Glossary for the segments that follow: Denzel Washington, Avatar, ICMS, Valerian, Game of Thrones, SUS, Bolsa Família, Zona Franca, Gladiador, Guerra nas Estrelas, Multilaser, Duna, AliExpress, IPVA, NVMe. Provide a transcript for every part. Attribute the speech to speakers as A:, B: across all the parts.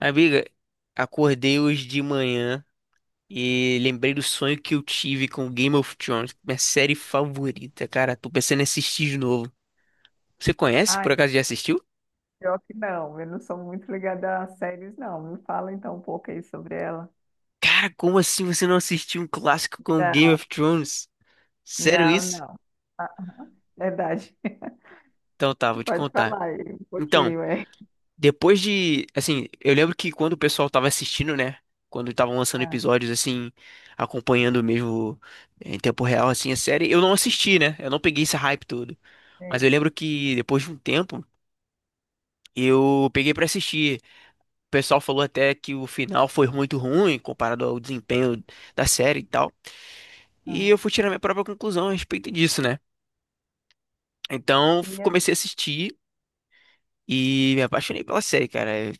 A: Amiga, acordei hoje de manhã e lembrei do sonho que eu tive com Game of Thrones, minha série favorita, cara. Tô pensando em assistir de novo. Você conhece? Por
B: Ai,
A: acaso já assistiu?
B: pior que não, eu não sou muito ligada a séries, não. Me fala então um pouco aí sobre ela.
A: Cara, como assim você não assistiu um clássico com Game
B: Não,
A: of Thrones? Sério
B: não,
A: isso?
B: não. Verdade.
A: Então tá, vou te
B: Pode
A: contar.
B: falar aí um
A: Então,
B: pouquinho, é.
A: depois de, assim, eu lembro que quando o pessoal tava assistindo, né? Quando estavam lançando
B: Ah,
A: episódios, assim, acompanhando mesmo em tempo real, assim, a série, eu não assisti, né? Eu não peguei esse hype todo. Mas eu
B: sim.
A: lembro que depois de um tempo, eu peguei pra assistir. O pessoal falou até que o final foi muito ruim comparado ao desempenho da série e tal. E
B: Aham.
A: eu fui tirar minha própria conclusão a respeito disso, né? Então,
B: E é-
A: comecei a assistir. E me apaixonei pela série, cara. É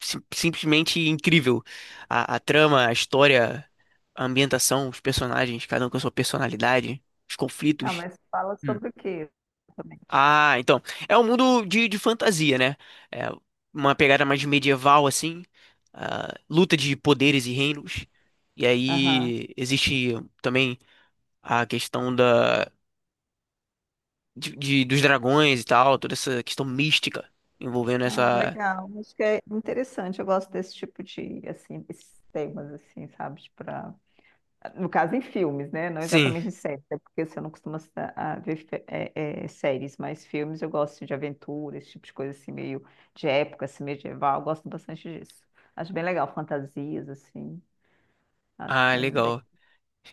A: simplesmente incrível. A trama, a história, a ambientação, os personagens, cada um com a sua personalidade, os
B: Ah,
A: conflitos.
B: mas fala
A: Hum.
B: sobre o que exatamente?
A: Ah, então. É um mundo de fantasia, né? É uma pegada mais medieval, assim. Ah, luta de poderes e reinos. E
B: Aham.
A: aí existe também a questão dos dragões e tal, toda essa questão mística envolvendo
B: Ah,
A: essa.
B: legal. Acho que é interessante. Eu gosto desse tipo de, assim, esses temas, assim, sabe? No caso, em filmes, né? Não
A: Sim.
B: exatamente em séries, até porque você não costuma a ver séries, mas filmes eu gosto de aventura, esse tipo de coisa assim, meio de época, assim, medieval, eu gosto bastante disso. Acho bem legal, fantasias, assim, acho
A: Ah,
B: bem,
A: legal.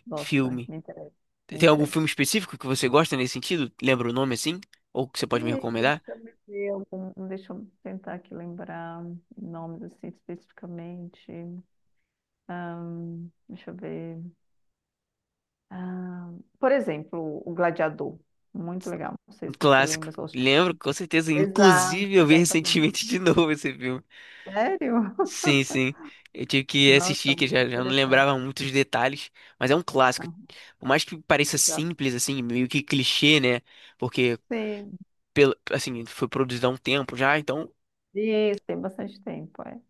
B: gosto,
A: Filme.
B: me interessa, me
A: Tem algum filme
B: interessa.
A: específico que você gosta nesse sentido? Lembra o nome assim? Ou que você pode me
B: E
A: recomendar?
B: deixa eu me ver algum, deixa eu tentar aqui lembrar nomes, assim, especificamente. Deixa eu ver. Ah, por exemplo, O Gladiador, muito legal, não sei
A: Um
B: se você
A: clássico.
B: lembra.
A: Lembro, com certeza.
B: Exato,
A: Inclusive, eu vi
B: exatamente.
A: recentemente de novo esse filme.
B: Sério?
A: Sim, sim. Eu tive que
B: Nossa,
A: assistir, que
B: muito
A: já não
B: interessante.
A: lembrava muitos detalhes. Mas é um clássico.
B: Aham,
A: Por mais que pareça
B: exato.
A: simples, assim, meio que clichê, né? Porque,
B: Sim,
A: pelo, assim, foi produzido há um tempo já, então.
B: isso, tem bastante tempo, é.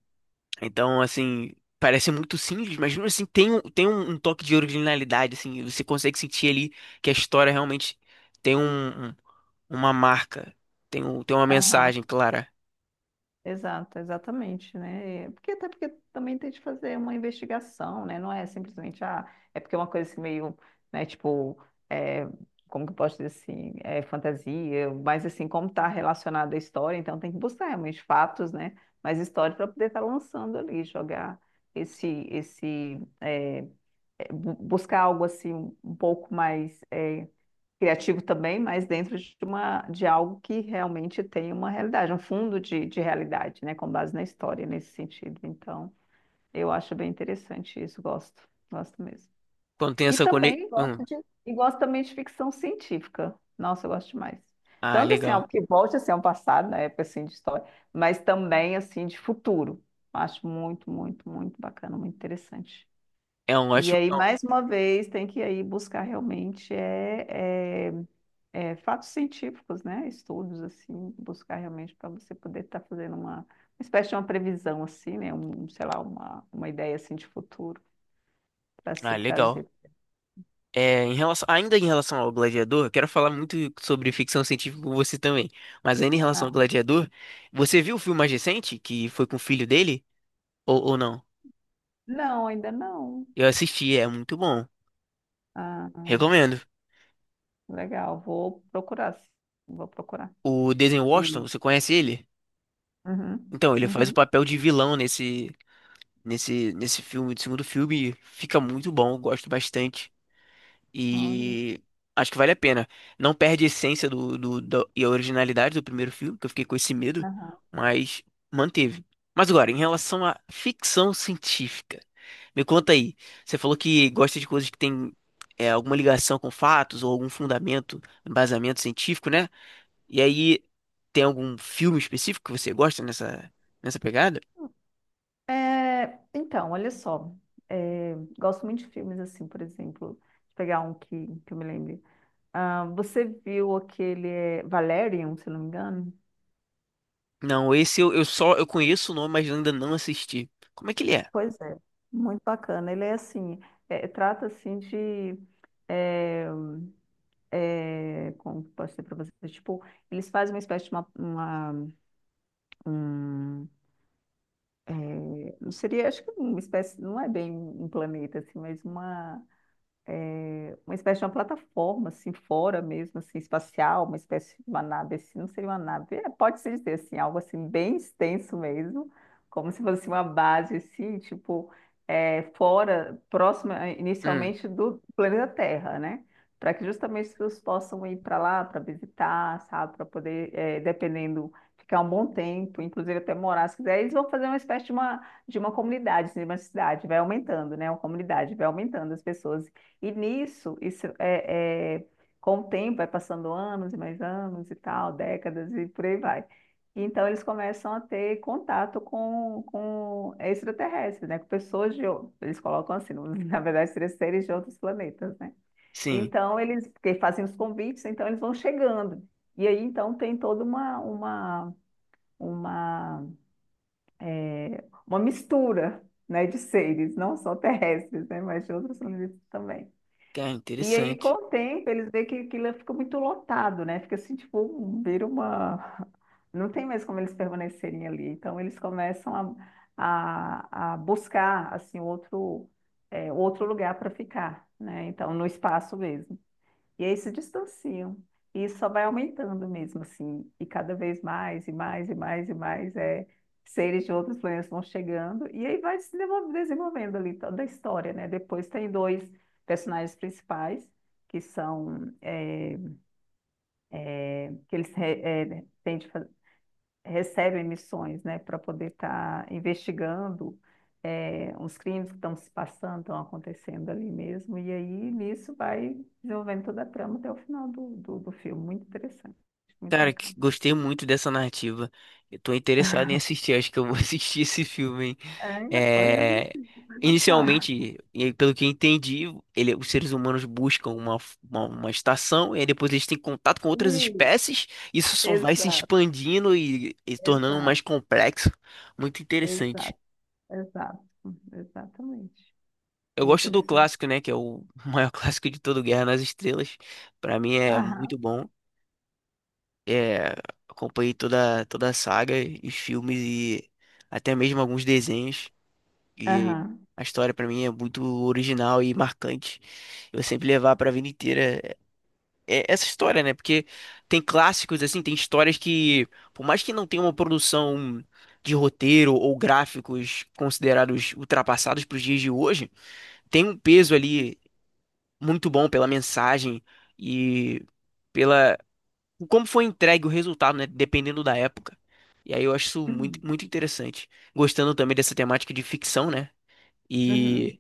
A: Então, assim, parece muito simples, mas mesmo assim tem um toque de originalidade, assim, você consegue sentir ali que a história realmente tem uma marca, tem uma
B: Aham,
A: mensagem clara.
B: exato, exatamente, né? Porque até porque também tem de fazer uma investigação, né? Não é simplesmente, ah, é porque é uma coisa assim meio, né, tipo, é, como que eu posso dizer assim, é fantasia, mas assim, como está relacionada à história, então tem que buscar realmente fatos, né? Mas história para poder estar lançando ali, jogar esse, esse é, buscar algo assim um pouco mais criativo também, mas dentro de algo que realmente tem uma realidade, um fundo de realidade, né, com base na história nesse sentido. Então, eu acho bem interessante isso, gosto, gosto mesmo.
A: Quando tem
B: E
A: essa
B: também
A: conexão.
B: gosto de e gosto também de ficção científica. Nossa, eu gosto demais.
A: Ah,
B: Tanto assim, algo
A: legal.
B: que volte assim, ao passado, na época assim de história, mas também assim de futuro. Acho muito, muito, muito bacana, muito interessante.
A: É um
B: E
A: ótimo.
B: aí, mais uma vez, tem que aí buscar realmente fatos científicos, né? Estudos, assim, buscar realmente para você poder estar fazendo uma espécie de uma previsão, assim, né? Sei lá, uma ideia, assim, de futuro para
A: Ah,
B: se
A: legal.
B: trazer.
A: É, em relação, ainda em relação ao Gladiador, eu quero falar muito sobre ficção científica com você também. Mas ainda em relação
B: Ah,
A: ao Gladiador, você viu o filme mais recente, que foi com o filho dele? Ou não?
B: não, ainda não.
A: Eu assisti, é muito bom.
B: Ah,
A: Recomendo.
B: legal, vou procurar, sim. Vou procurar.
A: O Denzel Washington,
B: E,
A: você conhece ele?
B: uhum,
A: Então, ele faz o
B: uhum,
A: papel de vilão nesse nesse filme, do segundo filme, e fica muito bom, eu gosto bastante
B: olha,
A: e acho que vale a pena. Não perde a essência e a originalidade do primeiro filme, que eu fiquei com esse medo,
B: aham.
A: mas manteve. Mas agora, em relação à ficção científica, me conta aí. Você falou que gosta de coisas que têm alguma ligação com fatos ou algum fundamento, embasamento científico, né? E aí, tem algum filme específico que você gosta nessa, nessa pegada?
B: É, então, olha só. É, gosto muito de filmes assim, por exemplo. Deixa eu pegar um que eu me lembre. Ah, você viu aquele Valerian, se não me engano?
A: Não, esse eu só eu conheço o nome, mas ainda não assisti. Como é que ele é?
B: Pois é, muito bacana. Ele é assim, trata assim de é, como que eu posso dizer para vocês? Tipo, eles fazem uma espécie de um, seria, acho que uma espécie, não é bem um planeta assim, mas uma espécie de uma plataforma, assim, fora mesmo, assim, espacial, uma espécie de uma nave, assim, não seria uma nave, pode-se dizer, assim, algo, assim, bem extenso mesmo, como se fosse uma base, assim, tipo, fora, próxima,
A: Hum,
B: inicialmente, do planeta Terra, né? Para que justamente as pessoas possam ir para lá, para visitar, sabe? Para poder, dependendo, ficar um bom tempo, inclusive até morar, se quiser, eles vão fazer uma espécie de uma comunidade, assim, de uma cidade, vai aumentando, né? Uma comunidade, vai aumentando as pessoas. E nisso, com o tempo, vai passando anos e mais anos e tal, décadas e por aí vai. Então, eles começam a ter contato com extraterrestres, né? Com pessoas de... ou- Eles colocam assim, na verdade, seria seres de outros planetas, né?
A: sim.
B: Então, eles porque fazem os convites, então eles vão chegando. E aí, então, tem toda uma, uma mistura, né, de seres, não só terrestres, né? Mas de outros planetas também.
A: Cara,
B: E aí, com
A: interessante.
B: o tempo, eles veem que aquilo fica muito lotado, né? Fica assim, tipo, vira uma. Não tem mais como eles permanecerem ali. Então, eles começam a buscar, assim, outro lugar para ficar, né? Então, no espaço mesmo. E aí se distanciam. E isso só vai aumentando mesmo, assim. E cada vez mais, e mais, e mais, e mais, seres de outros planetas vão chegando. E aí vai se desenvolvendo ali toda a história, né? Depois tem dois personagens principais, que são, é, que eles re- é, têm de fa- recebem missões, né, para poder estar investigando uns crimes que estão se passando, estão acontecendo ali mesmo. E aí, nisso, vai desenvolvendo toda a trama até o final do filme. Muito interessante, muito
A: Cara,
B: bacana.
A: gostei muito dessa narrativa. Eu tô interessado em assistir, acho que eu vou assistir esse filme, hein?
B: É, ainda pode
A: É,
B: assistir, vai notar.
A: inicialmente, e pelo que eu entendi, ele, os seres humanos buscam uma estação e aí depois eles têm contato com outras
B: Sim,
A: espécies. Isso só vai se
B: exato,
A: expandindo e tornando
B: exato,
A: mais complexo. Muito interessante.
B: exato, exato, exatamente.
A: Eu
B: É
A: gosto do
B: interessante.
A: clássico, né? Que é o maior clássico de todo Guerra nas Estrelas. Pra mim é
B: Aham,
A: muito bom. É, acompanhei toda, toda a saga, os filmes e até mesmo alguns desenhos. E
B: aham.
A: a história pra mim é muito original e marcante. Eu vou sempre levar pra vida inteira essa história, né? Porque tem clássicos assim, tem histórias que, por mais que não tenha uma produção de roteiro ou gráficos considerados ultrapassados pros dias de hoje, tem um peso ali muito bom pela mensagem e pela como foi entregue o resultado, né? Dependendo da época. E aí eu acho isso muito,
B: Uhum,
A: muito interessante. Gostando também dessa temática de ficção, né? E
B: uhum,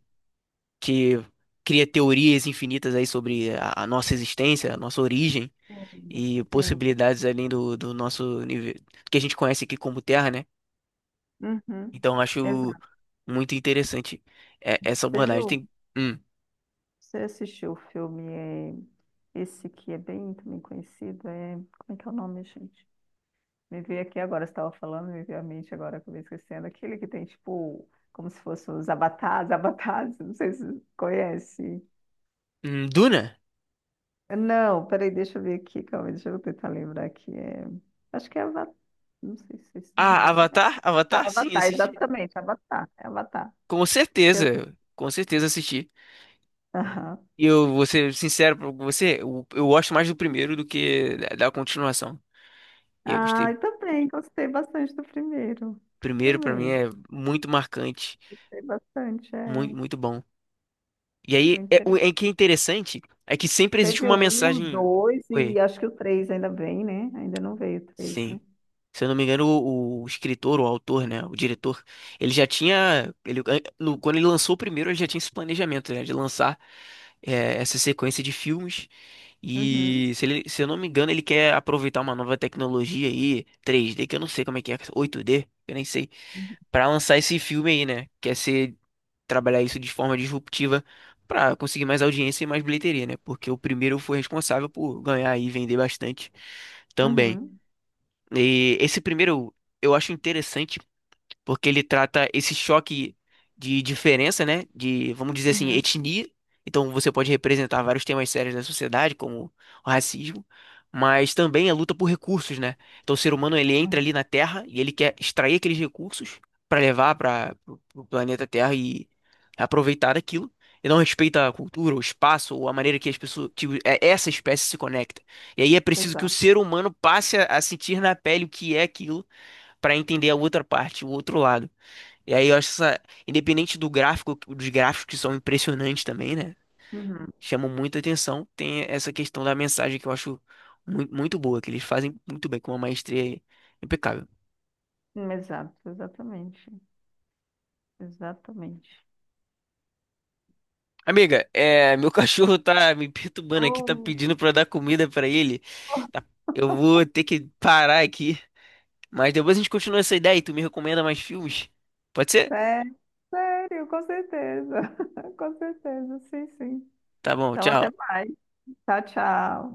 A: que cria teorias infinitas aí sobre a nossa existência, a nossa origem e
B: Sim. Sim,
A: possibilidades além do nosso nível, que a gente conhece aqui como Terra, né?
B: uhum,
A: Então eu acho
B: exato.
A: muito interessante essa
B: Você
A: abordagem.
B: viu?
A: Tem hum,
B: Você assistiu o filme, esse que é bem também conhecido, como é que é o nome, gente? Me veio aqui agora, você estava falando, me veio à mente agora, acabei esquecendo, aquele que tem, tipo, como se fossem os avatares, avatares, não sei se você conhece.
A: Duna?
B: Não, peraí, deixa eu ver aqui, calma, deixa eu tentar lembrar aqui, acho que é Avatar, não sei se é esse nome
A: Ah,
B: exatamente.
A: Avatar?
B: Tá,
A: Avatar? Sim,
B: Avatar,
A: assisti.
B: exatamente, Avatar, é Avatar. Eu-
A: Com certeza assisti.
B: Aham.
A: E eu vou ser sincero pra você, eu gosto mais do primeiro do que da continuação. E eu gostei.
B: Ah,
A: O
B: eu também, gostei bastante do primeiro,
A: primeiro, pra mim,
B: também.
A: é muito marcante,
B: Tem bastante,
A: muito,
B: é.
A: muito bom. E aí,
B: Muito
A: é, o
B: interessante.
A: é que é interessante é que sempre existe
B: Teve
A: uma
B: um,
A: mensagem.
B: dois
A: Oi,
B: e acho que o três ainda vem, né? Ainda não veio o três,
A: sim.
B: né?
A: Se eu não me engano, o escritor, o autor, né, o diretor, ele já tinha, ele, quando ele lançou o primeiro, ele já tinha esse planejamento, né, de lançar essa sequência de filmes.
B: Uhum.
A: E se, ele, se eu não me engano, ele quer aproveitar uma nova tecnologia aí, 3D que eu não sei como é que é, 8D eu nem sei, pra lançar esse filme aí, né? Quer ser trabalhar isso de forma disruptiva para conseguir mais audiência e mais bilheteria, né? Porque o primeiro foi responsável por ganhar e vender bastante também.
B: Uhum.
A: E esse primeiro eu acho interessante porque ele trata esse choque de diferença, né? De, vamos dizer assim,
B: Uhum.
A: etnia. Então você pode representar vários temas sérios da sociedade, como o racismo, mas também a luta por recursos, né? Então o ser humano ele entra
B: Uhum.
A: ali na Terra e ele quer extrair aqueles recursos para levar para o planeta Terra e aproveitar daquilo. E não respeita a cultura, o espaço, ou a maneira que as pessoas, essa espécie se conecta. E aí é preciso que o
B: Exato.
A: ser humano passe a sentir na pele o que é aquilo para entender a outra parte, o outro lado. E aí eu acho essa, independente do gráfico, dos gráficos que são impressionantes também, né?
B: Uhum.
A: Chamam muita atenção. Tem essa questão da mensagem que eu acho muito, muito boa, que eles fazem muito bem, com uma maestria impecável.
B: Exato, exatamente. Exatamente.
A: Amiga, é, meu cachorro tá me perturbando aqui, tá
B: Oh,
A: pedindo pra eu dar comida pra ele. Tá- eu vou ter que parar aqui, mas depois a gente continua essa ideia e tu me recomenda mais filmes? Pode ser?
B: sé- sério, com certeza. Com certeza, sim, sim.
A: Tá bom,
B: Então, até
A: tchau.
B: mais. Tchau, tchau.